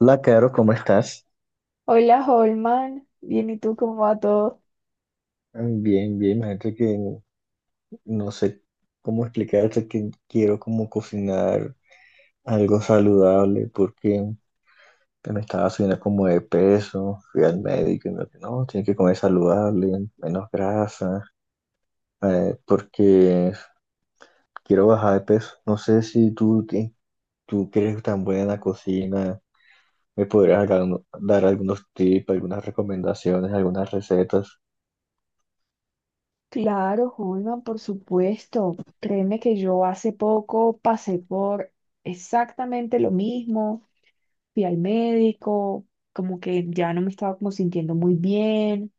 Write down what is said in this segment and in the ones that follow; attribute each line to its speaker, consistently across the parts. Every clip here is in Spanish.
Speaker 1: Hola, Caro, ¿cómo estás?
Speaker 2: Hola, Holman. Bien, ¿y tú cómo va todo?
Speaker 1: Bien, imagínate que no sé cómo explicarte que quiero como cocinar algo saludable porque me estaba subiendo como de peso. Fui al médico y me dijo, no, tienes que comer saludable, menos grasa, porque quiero bajar de peso. No sé si tú que eres tan buena en la cocina, me podrías dar algunos tips, algunas recomendaciones, algunas recetas.
Speaker 2: Claro, Holman, por supuesto. Créeme que yo hace poco pasé por exactamente lo mismo. Fui al médico, como que ya no me estaba como sintiendo muy bien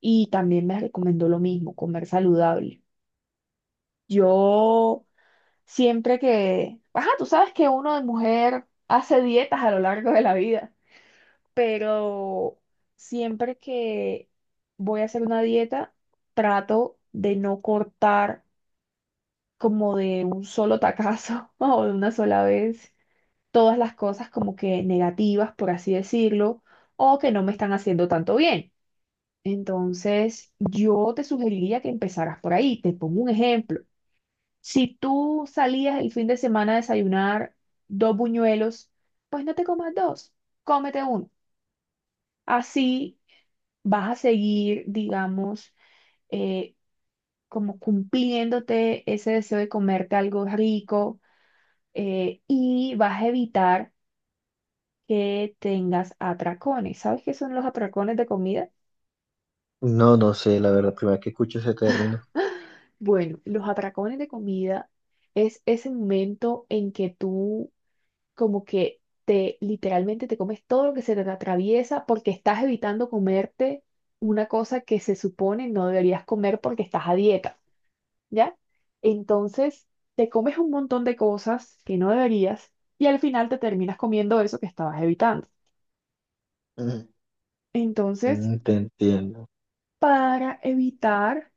Speaker 2: y también me recomendó lo mismo, comer saludable. Yo siempre que, ajá, tú sabes que uno de mujer hace dietas a lo largo de la vida, pero siempre que voy a hacer una dieta, trato de no cortar como de un solo tacazo o de una sola vez todas las cosas como que negativas, por así decirlo, o que no me están haciendo tanto bien. Entonces, yo te sugeriría que empezaras por ahí. Te pongo un ejemplo. Si tú salías el fin de semana a desayunar dos buñuelos, pues no te comas dos, cómete uno. Así vas a seguir, digamos, eh, como cumpliéndote ese deseo de comerte algo rico, y vas a evitar que tengas atracones. ¿Sabes qué son los atracones de comida?
Speaker 1: No, no sé, la verdad, primera vez que escucho ese término.
Speaker 2: Bueno, los atracones de comida es ese momento en que tú como que te literalmente te comes todo lo que se te atraviesa porque estás evitando comerte una cosa que se supone no deberías comer porque estás a dieta. ¿Ya? Entonces, te comes un montón de cosas que no deberías y al final te terminas comiendo eso que estabas evitando. Entonces,
Speaker 1: Mm, te entiendo.
Speaker 2: para evitar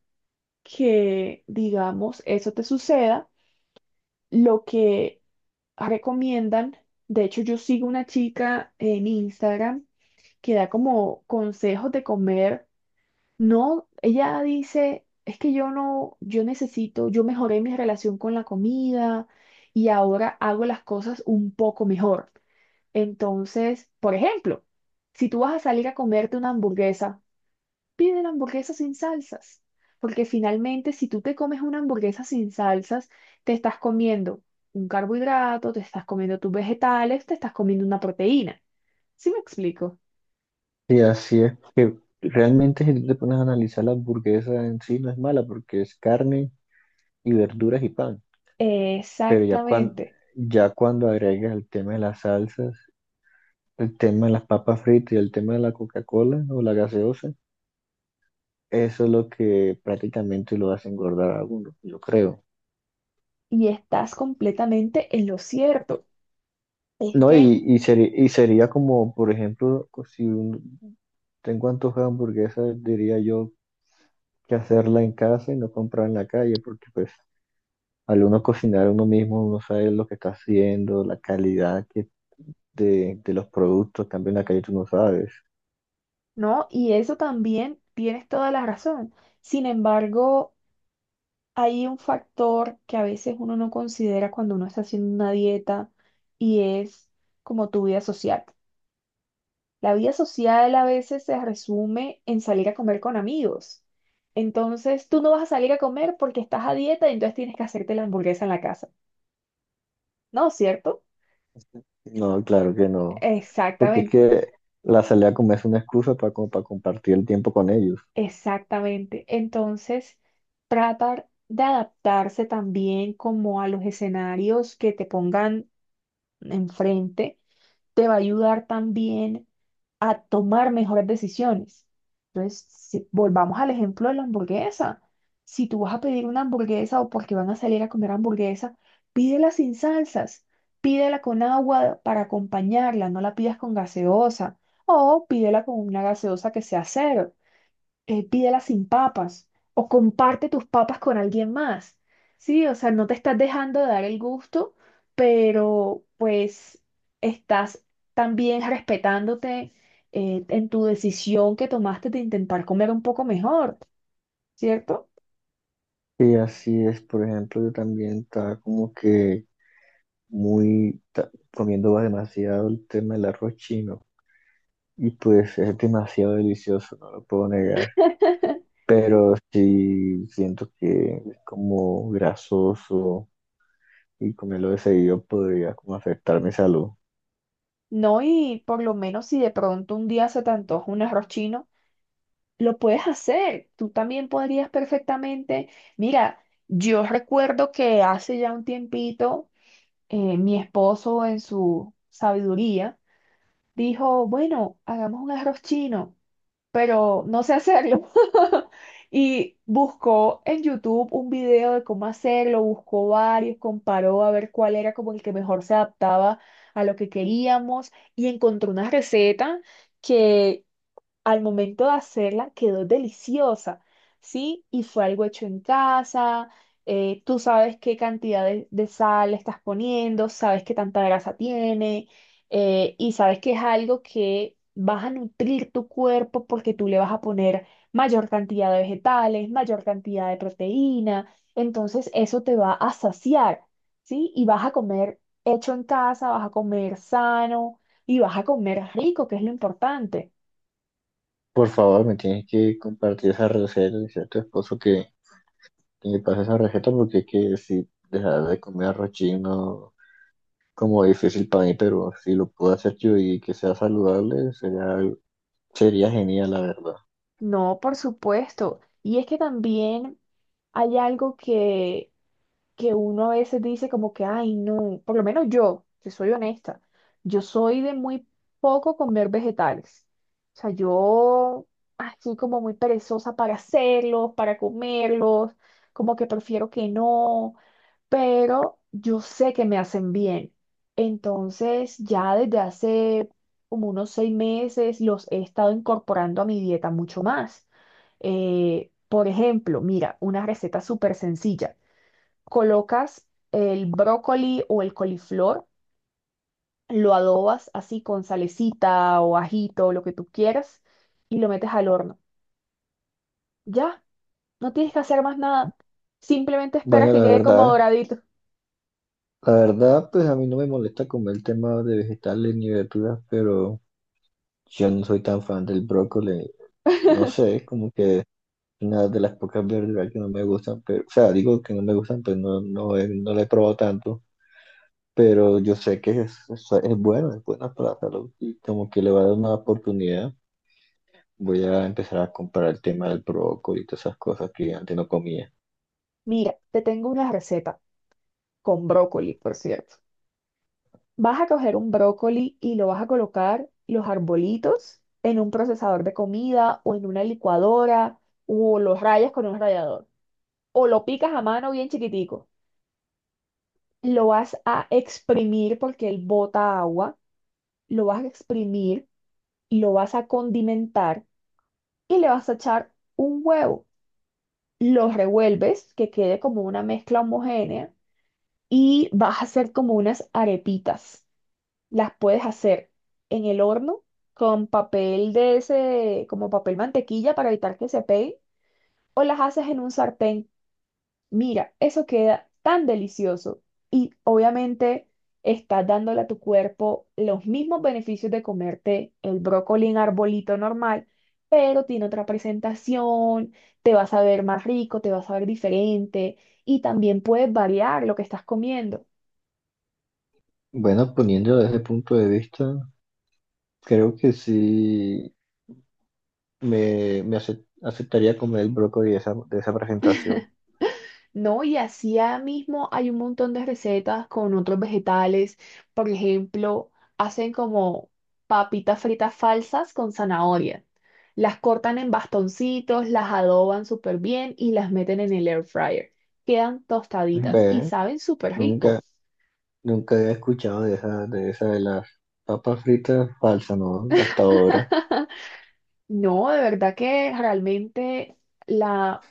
Speaker 2: que, digamos, eso te suceda, lo que recomiendan, de hecho, yo sigo una chica en Instagram que da como consejos de comer. No, ella dice, es que yo no, yo necesito, yo mejoré mi relación con la comida y ahora hago las cosas un poco mejor. Entonces, por ejemplo, si tú vas a salir a comerte una hamburguesa, pide la hamburguesa sin salsas, porque finalmente si tú te comes una hamburguesa sin salsas, te estás comiendo un carbohidrato, te estás comiendo tus vegetales, te estás comiendo una proteína. ¿Sí me explico?
Speaker 1: Y así es. Que realmente si tú te pones a analizar la hamburguesa en sí no es mala porque es carne y verduras y pan. Pero ya
Speaker 2: Exactamente.
Speaker 1: cuando agregas el tema de las salsas, el tema de las papas fritas y el tema de la Coca-Cola o la gaseosa, eso es lo que prácticamente lo hace engordar a uno, yo creo.
Speaker 2: Y estás completamente en lo cierto. Es
Speaker 1: No,
Speaker 2: que,
Speaker 1: y sería como, por ejemplo, co- si un- tengo antojo de hamburguesa, diría yo que hacerla en casa y no comprar en la calle, porque pues al uno cocinar uno mismo, uno sabe lo que está haciendo, la calidad que de los productos. En cambio en la calle tú no sabes.
Speaker 2: ¿no? Y eso también tienes toda la razón. Sin embargo, hay un factor que a veces uno no considera cuando uno está haciendo una dieta y es como tu vida social. La vida social a veces se resume en salir a comer con amigos. Entonces, tú no vas a salir a comer porque estás a dieta y entonces tienes que hacerte la hamburguesa en la casa. ¿No? ¿Cierto?
Speaker 1: No, claro que no. Porque es
Speaker 2: Exactamente.
Speaker 1: que la salida a comer es una excusa para, como para compartir el tiempo con ellos.
Speaker 2: Exactamente. Entonces, tratar de adaptarse también como a los escenarios que te pongan enfrente, te va a ayudar también a tomar mejores decisiones. Entonces, volvamos al ejemplo de la hamburguesa. Si tú vas a pedir una hamburguesa o porque van a salir a comer hamburguesa, pídela sin salsas, pídela con agua para acompañarla, no la pidas con gaseosa o pídela con una gaseosa que sea cero, pídelas sin papas o comparte tus papas con alguien más. Sí, o sea, no te estás dejando de dar el gusto, pero pues estás también respetándote, en tu decisión que tomaste de intentar comer un poco mejor, ¿cierto?
Speaker 1: Y así es, por ejemplo, yo también estaba como que comiendo demasiado el tema del arroz chino. Y pues es demasiado delicioso, no lo puedo negar. Pero sí siento que es como grasoso y comerlo de seguido podría como afectar mi salud.
Speaker 2: No, y por lo menos si de pronto un día se te antoja un arroz chino, lo puedes hacer. Tú también podrías perfectamente. Mira, yo recuerdo que hace ya un tiempito, mi esposo en su sabiduría dijo, bueno, hagamos un arroz chino, pero no sé hacerlo. Y buscó en YouTube un video de cómo hacerlo, buscó varios, comparó a ver cuál era como el que mejor se adaptaba a lo que queríamos y encontró una receta que al momento de hacerla quedó deliciosa, ¿sí? Y fue algo hecho en casa, tú sabes qué cantidad de sal le estás poniendo, sabes qué tanta grasa tiene, y sabes que es algo que vas a nutrir tu cuerpo porque tú le vas a poner mayor cantidad de vegetales, mayor cantidad de proteína, entonces eso te va a saciar, ¿sí? Y vas a comer hecho en casa, vas a comer sano y vas a comer rico, que es lo importante.
Speaker 1: Por favor, me tienes que compartir esa receta, decir a tu esposo que me pase esa receta, porque es que si dejar de comer arroz chino como difícil para mí, pero si lo puedo hacer yo y que sea saludable, sería genial, la verdad.
Speaker 2: No, por supuesto. Y es que también hay algo que uno a veces dice como que, ay, no, por lo menos yo, que soy honesta, yo soy de muy poco comer vegetales. O sea, yo así como muy perezosa para hacerlos, para comerlos, como que prefiero que no, pero yo sé que me hacen bien. Entonces, ya desde hace como unos 6 meses los he estado incorporando a mi dieta mucho más. Por ejemplo, mira, una receta súper sencilla. Colocas el brócoli o el coliflor, lo adobas así con salecita o ajito, lo que tú quieras, y lo metes al horno. Ya, no tienes que hacer más nada. Simplemente esperas
Speaker 1: Bueno,
Speaker 2: que
Speaker 1: la
Speaker 2: quede como
Speaker 1: verdad,
Speaker 2: doradito.
Speaker 1: la verdad, pues a mí no me molesta comer el tema de vegetales ni verduras, pero yo no soy tan fan del brócoli. No sé, como que una de las pocas verduras que no me gustan, pero, o sea, digo que no me gustan, pero no la he probado tanto, pero yo sé que es bueno, es buena para la salud, y como que le va a dar una oportunidad. Voy a empezar a comprar el tema del brócoli y todas esas cosas que antes no comía.
Speaker 2: Mira, te tengo una receta con brócoli, por cierto. Vas a coger un brócoli y lo vas a colocar los arbolitos en un procesador de comida o en una licuadora o los rayas con un rallador, o lo picas a mano bien chiquitico, lo vas a exprimir porque él bota agua, lo vas a exprimir, lo vas a condimentar y le vas a echar un huevo. Lo revuelves, que quede como una mezcla homogénea y vas a hacer como unas arepitas. Las puedes hacer en el horno con papel de ese, como papel mantequilla para evitar que se pegue, o las haces en un sartén. Mira, eso queda tan delicioso y obviamente estás dándole a tu cuerpo los mismos beneficios de comerte el brócoli en arbolito normal, pero tiene otra presentación, te vas a ver más rico, te vas a ver diferente y también puedes variar lo que estás comiendo.
Speaker 1: Bueno, poniéndolo desde ese punto de vista, creo que sí aceptaría comer el brócoli de de esa presentación.
Speaker 2: No, y así ya mismo hay un montón de recetas con otros vegetales. Por ejemplo, hacen como papitas fritas falsas con zanahoria. Las cortan en bastoncitos, las adoban súper bien y las meten en el air fryer. Quedan tostaditas y
Speaker 1: Ve,
Speaker 2: saben súper
Speaker 1: nunca
Speaker 2: rico.
Speaker 1: nunca había escuchado de de esa de las papas fritas falsas, ¿no? Hasta ahora.
Speaker 2: No, de verdad que realmente la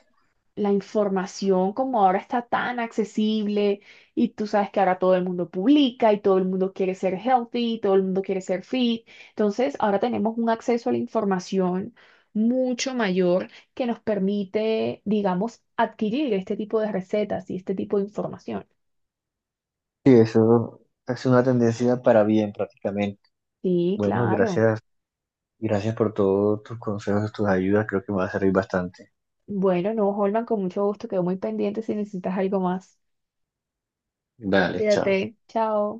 Speaker 2: la información como ahora está tan accesible y tú sabes que ahora todo el mundo publica y todo el mundo quiere ser healthy y todo el mundo quiere ser fit. Entonces, ahora tenemos un acceso a la información mucho mayor que nos permite, digamos, adquirir este tipo de recetas y este tipo de información.
Speaker 1: Sí, eso es una tendencia para bien prácticamente.
Speaker 2: Sí,
Speaker 1: Bueno,
Speaker 2: claro.
Speaker 1: gracias por todos tus consejos, tus ayudas, creo que me va a servir bastante.
Speaker 2: Bueno, no, Holman, con mucho gusto, quedo muy pendiente si necesitas algo más.
Speaker 1: Dale, chao.
Speaker 2: Cuídate, chao.